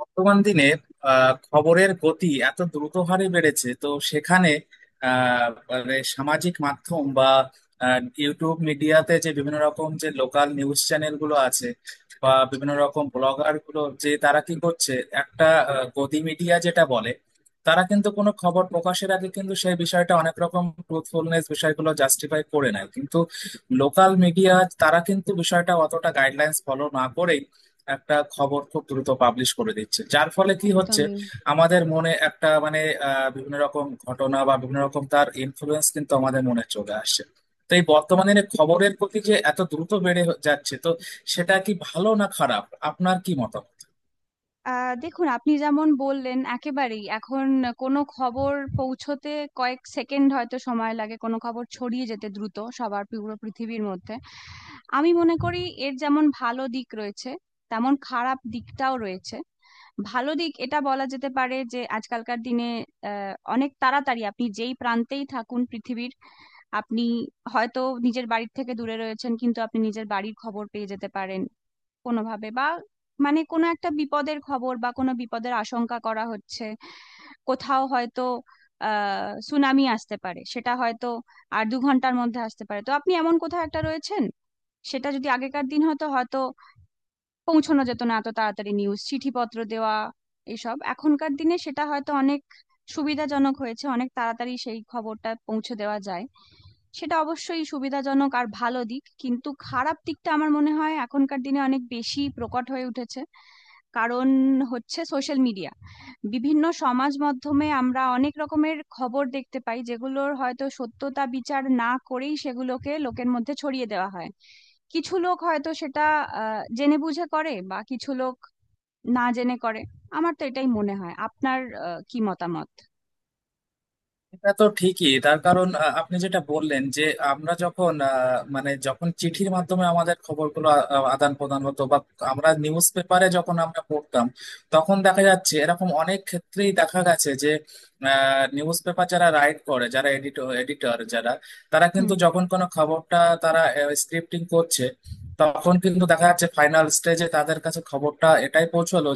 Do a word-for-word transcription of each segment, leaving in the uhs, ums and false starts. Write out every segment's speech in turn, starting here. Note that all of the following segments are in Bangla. বর্তমান দিনের আহ, খবরের গতি এত দ্রুত হারে বেড়েছে তো সেখানে আহ, মানে সামাজিক মাধ্যম বা আহ, ইউটিউব মিডিয়াতে যে বিভিন্ন রকম যে লোকাল নিউজ চ্যানেল গুলো আছে বা বিভিন্ন রকম ব্লগার গুলো যে তারা কি করছে, একটা আহ, গদি মিডিয়া যেটা বলে, তারা কিন্তু কোনো খবর প্রকাশের আগে কিন্তু সেই বিষয়টা অনেক রকম ট্রুথফুলনেস বিষয়গুলো জাস্টিফাই করে নেয় কিন্তু লোকাল মিডিয়া তারা কিন্তু বিষয়টা অতটা গাইডলাইন্স ফলো না করে একটা খবর খুব দ্রুত পাবলিশ করে দিচ্ছে, যার ফলে কি হচ্ছে একদমই। আমাদের মনে একটা মানে আহ, বিভিন্ন রকম ঘটনা বা বিভিন্ন রকম তার ইনফ্লুয়েন্স কিন্তু আমাদের মনে চলে আসছে। তো এই বর্তমানে খবরের প্রতি যে এত দ্রুত বেড়ে যাচ্ছে তো সেটা কি ভালো না খারাপ? আপনার কি মতামত? আহ দেখুন, আপনি যেমন বললেন একেবারেই এখন কোনো খবর পৌঁছোতে কয়েক সেকেন্ড হয়তো সময় লাগে, কোনো খবর ছড়িয়ে যেতে দ্রুত সবার, পুরো পৃথিবীর মধ্যে। আমি মনে করি এর যেমন ভালো দিক রয়েছে, তেমন খারাপ দিকটাও রয়েছে। ভালো দিক এটা বলা যেতে পারে যে আজকালকার দিনে আহ অনেক তাড়াতাড়ি আপনি যেই প্রান্তেই থাকুন পৃথিবীর, আপনি হয়তো নিজের বাড়ির থেকে দূরে রয়েছেন কিন্তু আপনি নিজের বাড়ির খবর পেয়ে যেতে পারেন কোনোভাবে। বা মানে কোনো একটা বিপদের খবর বা কোনো বিপদের আশঙ্কা করা হচ্ছে কোথাও, হয়তো আহ সুনামি আসতে পারে, সেটা হয়তো আর দু ঘন্টার মধ্যে আসতে পারে, তো আপনি এমন কোথাও একটা রয়েছেন। সেটা যদি আগেকার দিন হতো, হয়তো পৌঁছানো যেত না এত তাড়াতাড়ি, নিউজ চিঠিপত্র দেওয়া এসব। এখনকার দিনে সেটা হয়তো অনেক সুবিধাজনক হয়েছে, অনেক তাড়াতাড়ি সেই খবরটা পৌঁছে দেওয়া যায়। সেটা অবশ্যই সুবিধাজনক আর ভালো দিক, কিন্তু খারাপ দিকটা আমার মনে হয় এখনকার দিনে অনেক বেশি প্রকট হয়ে উঠেছে। কারণ হচ্ছে সোশ্যাল মিডিয়া। বিভিন্ন সমাজ মাধ্যমে আমরা অনেক রকমের খবর দেখতে পাই, যেগুলোর হয়তো সত্যতা বিচার না করেই সেগুলোকে লোকের মধ্যে ছড়িয়ে দেওয়া হয়। কিছু লোক হয়তো সেটা আহ, জেনে বুঝে করে, বা কিছু লোক না জেনে করে। আমার তো এটাই মনে হয়। আপনার আহ, কি মতামত? এটা তো ঠিকই, তার কারণ আহ, আপনি যেটা বললেন যে আমরা যখন আহ, মানে যখন চিঠির মাধ্যমে আমাদের খবরগুলো আ- আদান প্রদান হতো বা আমরা নিউজ পেপারে যখন আমরা পড়তাম তখন দেখা যাচ্ছে এরকম অনেক ক্ষেত্রেই দেখা গেছে যে নিউজ পেপার যারা রাইট করে, যারা এডিটর, এডিটর যারা তারা কিন্তু হুম। যখন কোনো খবরটা তারা স্ক্রিপ্টিং করছে তখন কিন্তু দেখা যাচ্ছে ফাইনাল স্টেজে তাদের কাছে খবরটা এটাই পৌঁছলো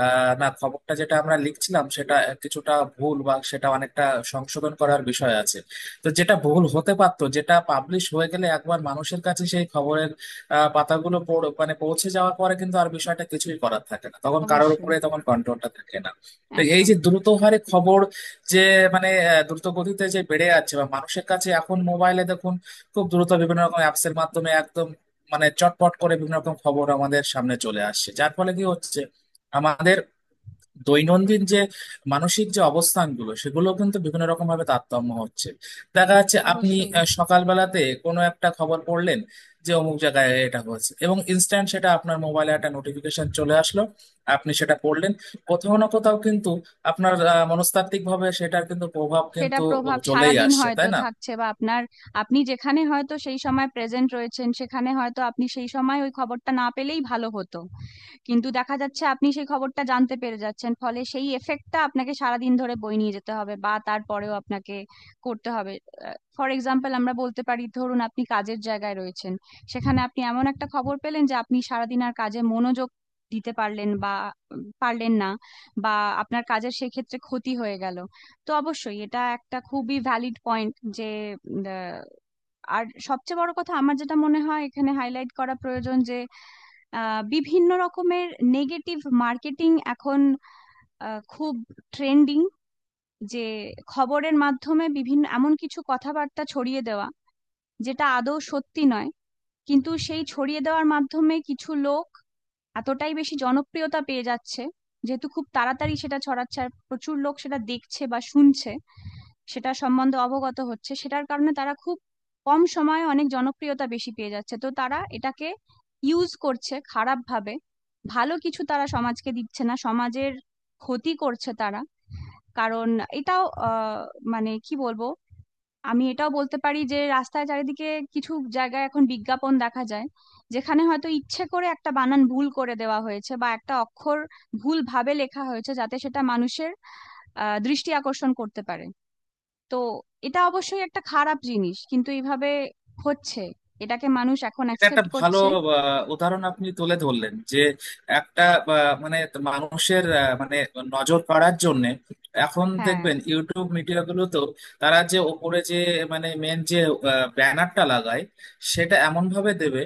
আহ না, খবরটা যেটা আমরা লিখছিলাম সেটা কিছুটা ভুল বা সেটা অনেকটা সংশোধন করার বিষয় আছে। তো যেটা ভুল হতে পারতো, যেটা পাবলিশ হয়ে গেলে একবার মানুষের কাছে সেই খবরের আহ, পাতাগুলো পড়- মানে পৌঁছে যাওয়ার পরে কিন্তু আর বিষয়টা কিছুই করার থাকে না, তখন কারোর অবশ্যই। উপরে তখন কন্ট্রোলটা থাকে না। তো এই একদম। যে দ্রুত হারে খবর যে মানে আহ, দ্রুত গতিতে যে বেড়ে যাচ্ছে বা মানুষের কাছে এখন মোবাইলে দেখুন, খুব দ্রুত বিভিন্ন রকম অ্যাপস এর মাধ্যমে একদম মানে চটপট করে বিভিন্ন রকম খবর আমাদের সামনে চলে আসছে, যার ফলে কি হচ্ছে আমাদের দৈনন্দিন যে মানসিক যে অবস্থানগুলো সেগুলো কিন্তু বিভিন্ন রকম ভাবে তারতম্য হচ্ছে। দেখা যাচ্ছে আপনি অবশ্যই, আহ, সকালবেলাতে কোনো একটা খবর পড়লেন যে অমুক জায়গায় এটা হয়েছে, এবং ইনস্ট্যান্ট সেটা আপনার মোবাইলে একটা নোটিফিকেশন চলে আসলো, আপনি সেটা পড়লেন, কোথাও না কোথাও কিন্তু আপনার মনস্তাত্ত্বিক ভাবে সেটার কিন্তু প্রভাব সেটা কিন্তু প্রভাব চলেই সারাদিন আসছে, হয়তো তাই না? থাকছে বা আপনার, আপনি যেখানে হয়তো সেই সময় প্রেজেন্ট রয়েছেন সেখানে হয়তো আপনি সেই সময় ওই খবরটা না পেলেই ভালো হতো। কিন্তু দেখা যাচ্ছে আপনি সেই খবরটা জানতে পেরে যাচ্ছেন, ফলে সেই এফেক্টটা আপনাকে সারাদিন ধরে বয়ে নিয়ে যেতে হবে, বা তারপরেও আপনাকে করতে হবে। ফর এক্সাম্পল আমরা বলতে পারি, ধরুন আপনি কাজের জায়গায় রয়েছেন, সেখানে আপনি এমন একটা খবর পেলেন যে আপনি সারাদিন আর কাজে মনোযোগ দিতে পারলেন, বা উম, পারলেন না, বা আপনার কাজের সেই ক্ষেত্রে ক্ষতি হয়ে গেল। তো অবশ্যই এটা একটা খুবই ভ্যালিড পয়েন্ট যে উম, আহ, আর সবচেয়ে বড় কথা আমার যেটা মনে হয় এখানে হাইলাইট করা প্রয়োজন, যে আহ বিভিন্ন রকমের নেগেটিভ মার্কেটিং এখন আহ, খুব ট্রেন্ডিং। যে খবরের মাধ্যমে বিভিন্ন এমন কিছু কথাবার্তা ছড়িয়ে দেওয়া যেটা আদৌ সত্যি নয়, কিন্তু সেই ছড়িয়ে দেওয়ার মাধ্যমে কিছু লোক এতটাই বেশি জনপ্রিয়তা পেয়ে যাচ্ছে। যেহেতু খুব তাড়াতাড়ি সেটা ছড়াচ্ছে আর প্রচুর লোক সেটা দেখছে বা শুনছে, সেটা সম্বন্ধে অবগত হচ্ছে, সেটার কারণে তারা খুব কম সময়ে অনেক জনপ্রিয়তা বেশি পেয়ে যাচ্ছে। তো তারা এটাকে ইউজ করছে খারাপ ভাবে। ভালো কিছু তারা সমাজকে দিচ্ছে না, সমাজের ক্ষতি করছে তারা। কারণ এটাও আহ মানে কি বলবো, আমি এটাও বলতে পারি যে রাস্তায় চারিদিকে কিছু জায়গায় এখন বিজ্ঞাপন দেখা যায় যেখানে হয়তো ইচ্ছে করে একটা বানান ভুল করে দেওয়া হয়েছে, বা একটা অক্ষর ভুল ভাবে লেখা হয়েছে যাতে সেটা মানুষের আহ দৃষ্টি আকর্ষণ করতে পারে। তো এটা অবশ্যই একটা খারাপ জিনিস, কিন্তু এইভাবে হচ্ছে, এটাকে মানুষ এখন এটা একটা অ্যাকসেপ্ট ভালো করছে। আহ, উদাহরণ আপনি তুলে ধরলেন যে একটা আহ, মানে মানুষের আহ, মানে নজর কাড়ার জন্য এখন হ্যাঁ। দেখবেন ইউটিউব মিডিয়া গুলোতেও তারা যে ওপরে যে মানে মেন যে ব্যানারটা লাগায় সেটা এমন ভাবে দেবে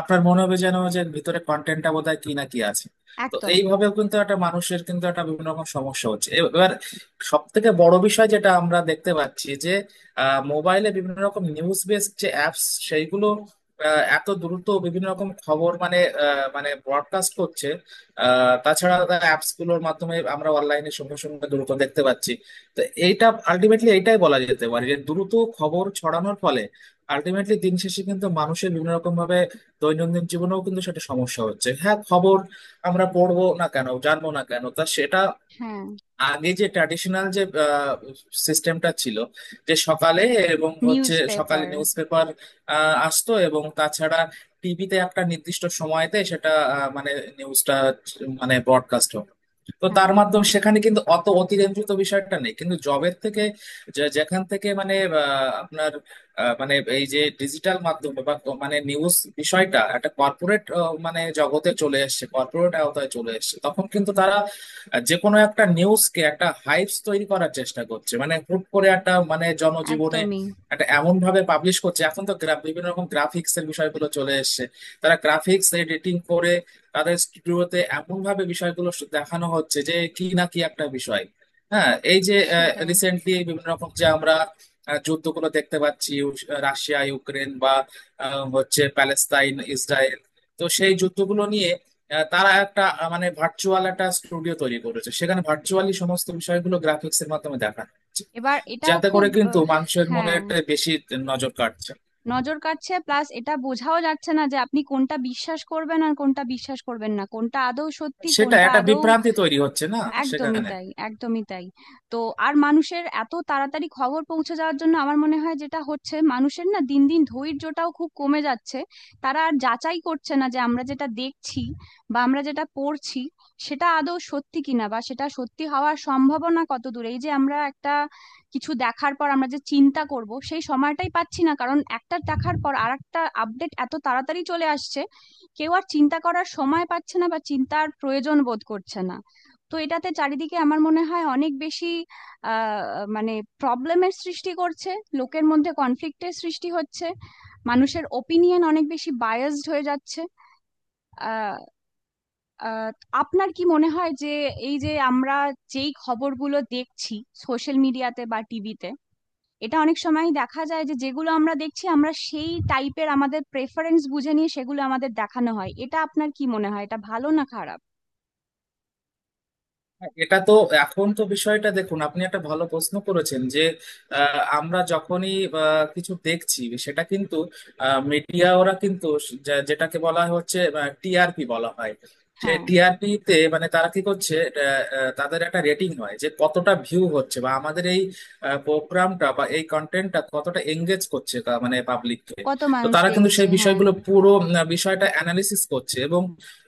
আপনার মনে হবে যেন যে ভিতরে কন্টেন্টটা বোধহয় কি না কি আছে। তো একদম। এইভাবেও কিন্তু একটা মানুষের কিন্তু একটা বিভিন্ন রকম সমস্যা হচ্ছে এব- এবার সব থেকে বড় বিষয় যেটা আমরা দেখতে পাচ্ছি যে মোবাইলে বিভিন্ন রকম নিউজ বেস যে অ্যাপস সেইগুলো আহ এত দ্রুত বিভিন্ন রকম খবর মানে আহ, মানে ব্রডকাস্ট করছে। আহ, তাছাড়া অ্যাপস গুলোর মাধ্যমে আমরা অনলাইনে সঙ্গে সঙ্গে দ্রুত দেখতে পাচ্ছি। তো এইটা আলটিমেটলি এইটাই বলা যেতে পারে যে দ্রুত খবর ছড়ানোর ফলে আলটিমেটলি দিন শেষে কিন্তু মানুষের বিভিন্ন রকম ভাবে দৈনন্দিন জীবনেও কিন্তু সেটা সমস্যা হচ্ছে। হ্যাঁ, খবর আমরা পড়বো না কেন, জানবো না কেন, তা সেটা হ্যাঁ। আগে যে ট্র্যাডিশনাল যে সিস্টেমটা ছিল যে সকালে এবং হচ্ছে নিউজ সকালে পেপার। নিউজ পেপার আসতো এবং তাছাড়া টিভিতে একটা নির্দিষ্ট সময়তে সেটা আহ, মানে নিউজটা মানে ব্রডকাস্ট। তো হ্যাঁ। তার মাধ্যমে সেখানে কিন্তু অত অতিরঞ্জিত বিষয়টা নেই কিন্তু জবের থেকে যে- যেখান থেকে মানে আহ, আপনার আহ, মানে এই যে ডিজিটাল মাধ্যমে বা ক- মানে নিউজ বিষয়টা একটা কর্পোরেট মানে জগতে চলে এসেছে, কর্পোরেট আওতায় চলে এসেছে, তখন কিন্তু তারা আহ, যে কোনো একটা নিউজকে একটা হাইপস তৈরি করার চেষ্টা করছে, মানে হুট করে একটা মানে জনজীবনে একদমই। একটা এমন ভাবে পাবলিশ করছে। এখন তো গ্রাফ বিভিন্ন রকম গ্রাফিক্স এর বিষয়গুলো চলে এসেছে, তারা গ্রাফিক্স এডিটিং করে তাদের স্টুডিওতে এমন ভাবে বিষয়গুলো স- দেখানো হচ্ছে যে কি না কি একটা বিষয়। হ্যাঁ, এই যে সেটাই। রিসেন্টলি বিভিন্ন রকম যে আমরা আহ, যুদ্ধগুলো দেখতে পাচ্ছি ইউ- রাশিয়া ইউক্রেন বা আহ, হচ্ছে প্যালেস্তাইন ইসরায়েল, তো সেই যুদ্ধগুলো নিয়ে আহ, তারা একটা আহ, মানে ভার্চুয়াল একটা স্টুডিও তৈরি করেছে, সেখানে ভার্চুয়ালি সমস্ত বিষয়গুলো গ্রাফিক্স এর মাধ্যমে দেখানো হচ্ছে, এবার এটাও যাতে খুব করে কিন্তু আহ, মানুষের মনে হ্যাঁ, একটা বেশি নজর কাটছে। নজর কাটছে। প্লাস এটা বোঝাও যাচ্ছে না যে আপনি কোনটা বিশ্বাস করবেন আর কোনটা বিশ্বাস করবেন না, কোনটা আদৌ সত্যি, সেটা কোনটা একটা আদৌ। বিভ্রান্তি তৈরি হচ্ছে না একদমই সেখানে? তাই, একদমই তাই। তো আর মানুষের এত তাড়াতাড়ি খবর পৌঁছে যাওয়ার জন্য আমার মনে হয় যেটা হচ্ছে, মানুষের না দিন দিন ধৈর্যটাও খুব কমে যাচ্ছে। তারা আর যাচাই করছে না যে আমরা যেটা দেখছি বা আমরা যেটা পড়ছি সেটা আদৌ সত্যি কিনা, বা সেটা সত্যি হওয়ার সম্ভাবনা কত দূর। এই যে আমরা একটা কিছু দেখার পর আমরা যে চিন্তা করব সেই সময়টাই পাচ্ছি না, কারণ একটা দেখার পর আরেকটা আপডেট এত তাড়াতাড়ি চলে আসছে। কেউ আর চিন্তা করার সময় পাচ্ছে না বা চিন্তার প্রয়োজন বোধ করছে না। তো এটাতে চারিদিকে আমার মনে হয় অনেক বেশি আহ মানে প্রবলেমের সৃষ্টি করছে, লোকের মধ্যে কনফ্লিক্টের সৃষ্টি হচ্ছে, মানুষের ওপিনিয়ন অনেক বেশি বায়াসড হয়ে যাচ্ছে। আহ, আহ, আপনার কি মনে হয় যে এই যে আমরা যেই খবরগুলো দেখছি সোশ্যাল মিডিয়াতে বা টিভিতে, এটা অনেক সময় দেখা যায় যে যেগুলো আমরা দেখছি আমরা সেই টাইপের, আমাদের প্রেফারেন্স বুঝে নিয়ে সেগুলো আমাদের দেখানো হয়, এটা আপনার কি মনে হয়, এটা ভালো না খারাপ? হ্যাঁ, এটা তো এখন তো বিষয়টা দেখুন আপনি একটা ভালো প্রশ্ন করেছেন যে আহ, আমরা যখনই আহ, কিছু দেখছি সেটা কিন্তু মিডিয়া ওরা কিন্তু যা- যেটাকে বলা হচ্ছে টিআরপি বলা হয়, সে হ্যাঁ। টিআরপি তে মানে তারা কি করছে আহ, আহ, তাদের একটা রেটিং হয় যে কতটা ভিউ হচ্ছে বা আমাদের এই প্রোগ্রামটা বা এই কন্টেন্টটা কতটা এঙ্গেজ করছে তা- মানে পাবলিককে। কত তো মানুষ তারা কিন্তু দেখছে, সেই হ্যাঁ। বিষয়গুলো পুরো উম, বিষয়টা অ্যানালিসিস করছে এবং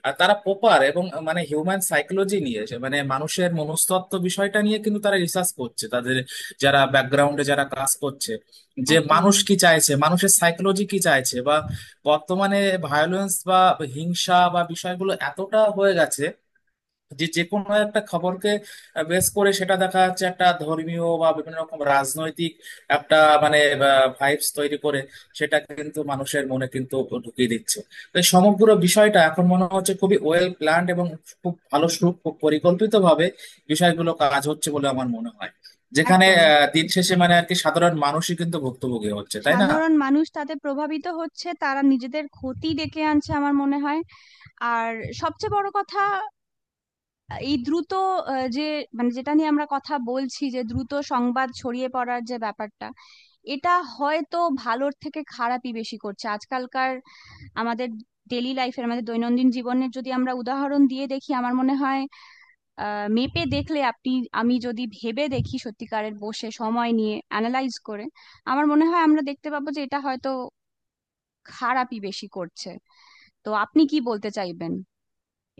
আর তারা প্রপার এবং মানে হিউম্যান সাইকোলজি নিয়ে এসে মানে মানুষের মনস্তত্ত্ব বিষয়টা নিয়ে কিন্তু তারা রিসার্চ করছে, তাদের যারা ব্যাকগ্রাউন্ডে যারা কাজ করছে, যে মানুষ একদমই। কি চাইছে, মানুষের সাইকোলজি কি চাইছে বা বর্তমানে ভায়োলেন্স বা হিংসা বা বিষয়গুলো এতটা হয়ে গেছে যে যে কোনো একটা খবরকে বেস করে সেটা দেখা যাচ্ছে একটা ধর্মীয় বা বিভিন্ন রকম রাজনৈতিক একটা মানে ভাইবস তৈরি করে সেটা কিন্তু মানুষের মনে কিন্তু ঢুকিয়ে দিচ্ছে। তো এই সমগ্র বিষয়টা এখন মনে হচ্ছে খুবই ওয়েল প্ল্যান্ড এবং খুব ভালো সু পরিকল্পিত ভাবে বিষয়গুলো কাজ হচ্ছে বলে আমার মনে হয়, যেখানে একদম, আহ, দিন শেষে মানে আর কি সাধারণ মানুষই কিন্তু ভুক্তভোগী হচ্ছে, তাই না? সাধারণ মানুষ তাতে প্রভাবিত হচ্ছে, তারা নিজেদের ক্ষতি ডেকে আনছে আমার মনে হয়। আর সবচেয়ে বড় কথা, এই দ্রুত আহ, যে মানে যেটা নিয়ে আমরা কথা বলছি যে দ্রুত সংবাদ ছড়িয়ে পড়ার যে ব্যাপারটা, এটা হয়তো ভালোর থেকে খারাপই বেশি করছে আজকালকার, আমাদের ডেইলি লাইফের, আমাদের দৈনন্দিন জীবনের। যদি আমরা উদাহরণ দিয়ে দেখি, আমার মনে হয় আহ মেপে দেখলে, আপনি, আমি যদি ভেবে দেখি সত্যিকারের বসে সময় নিয়ে অ্যানালাইজ করে, আমার মনে হয় আমরা দেখতে পাবো যে এটা হয়তো খারাপই বেশি করছে। তো আপনি কি বলতে চাইবেন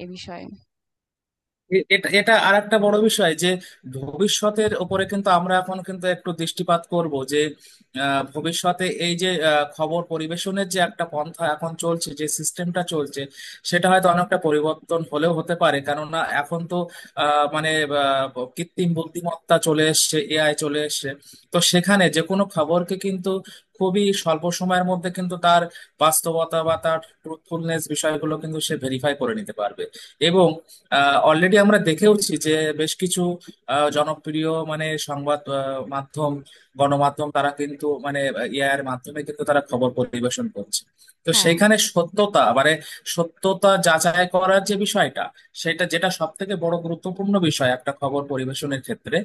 এ বিষয়ে? এ- এটা এটা আর একটা বড় বিষয় যে ভবিষ্যতের উপরে কিন্তু আমরা এখন কিন্তু একটু দৃষ্টিপাত করব যে আহ, ভবিষ্যতে এই যে আহ, খবর পরিবেশনের যে একটা পন্থা এখন চলছে, যে সিস্টেমটা চলছে সেটা হয়তো অনেকটা পরিবর্তন হলেও হতে পারে, কেননা এখন তো আহ, মানে আহ, কৃত্রিম বুদ্ধিমত্তা চলে এসছে, এআই চলে এসছে। তো সেখানে যে কোনো খবরকে কিন্তু খুবই স্বল্প সময়ের মধ্যে কিন্তু তার বাস্তবতা বা তার ট্রুথফুলনেস বিষয়গুলো কিন্তু সে ভেরিফাই করে নিতে পারবে। এবং অলরেডি আমরা দেখেওছি যে বেশ কিছু আহ, জনপ্রিয় মানে সংবাদ আহ, মাধ্যম গণমাধ্যম তারা কিন্তু মানে ইয়ার মাধ্যমে কিন্তু তারা খবর পরিবেশন করছে। তো হ্যাঁ। সেখানে সত্যতা মানে সত্যতা যাচাই করার যে বিষয়টা সেটা যেটা সব থেকে বড় গুরুত্বপূর্ণ বিষয় একটা খবর পরিবেশনের ক্ষেত্রে,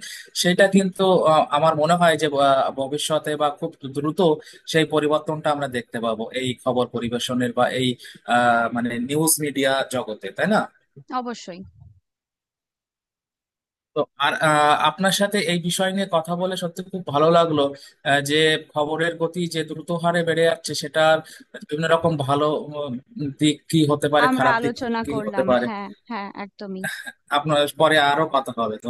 সেটা কিন্তু আহ, আমার মনে হয় যে আহ, ভবিষ্যতে বা খুব দ্রুত সেই পরিবর্তনটা আমরা দেখতে পাবো এই খবর পরিবেশনের বা এই আহ মানে নিউজ মিডিয়া জগতে, তাই না? অবশ্যই তো আর আহ, আপনার সাথে এই বিষয় নিয়ে কথা বলে সত্যি খুব ভালো লাগলো আহ, যে খবরের গতি যে দ্রুত হারে বেড়ে যাচ্ছে সেটার বিভিন্ন রকম ভালো উম, দিক কি হতে পারে, আমরা খারাপ দিক আলোচনা কি হতে করলাম। পারে। হ্যাঁ, হ্যাঁ, একদমই। আপনার পরে আরো কথা হবে তো।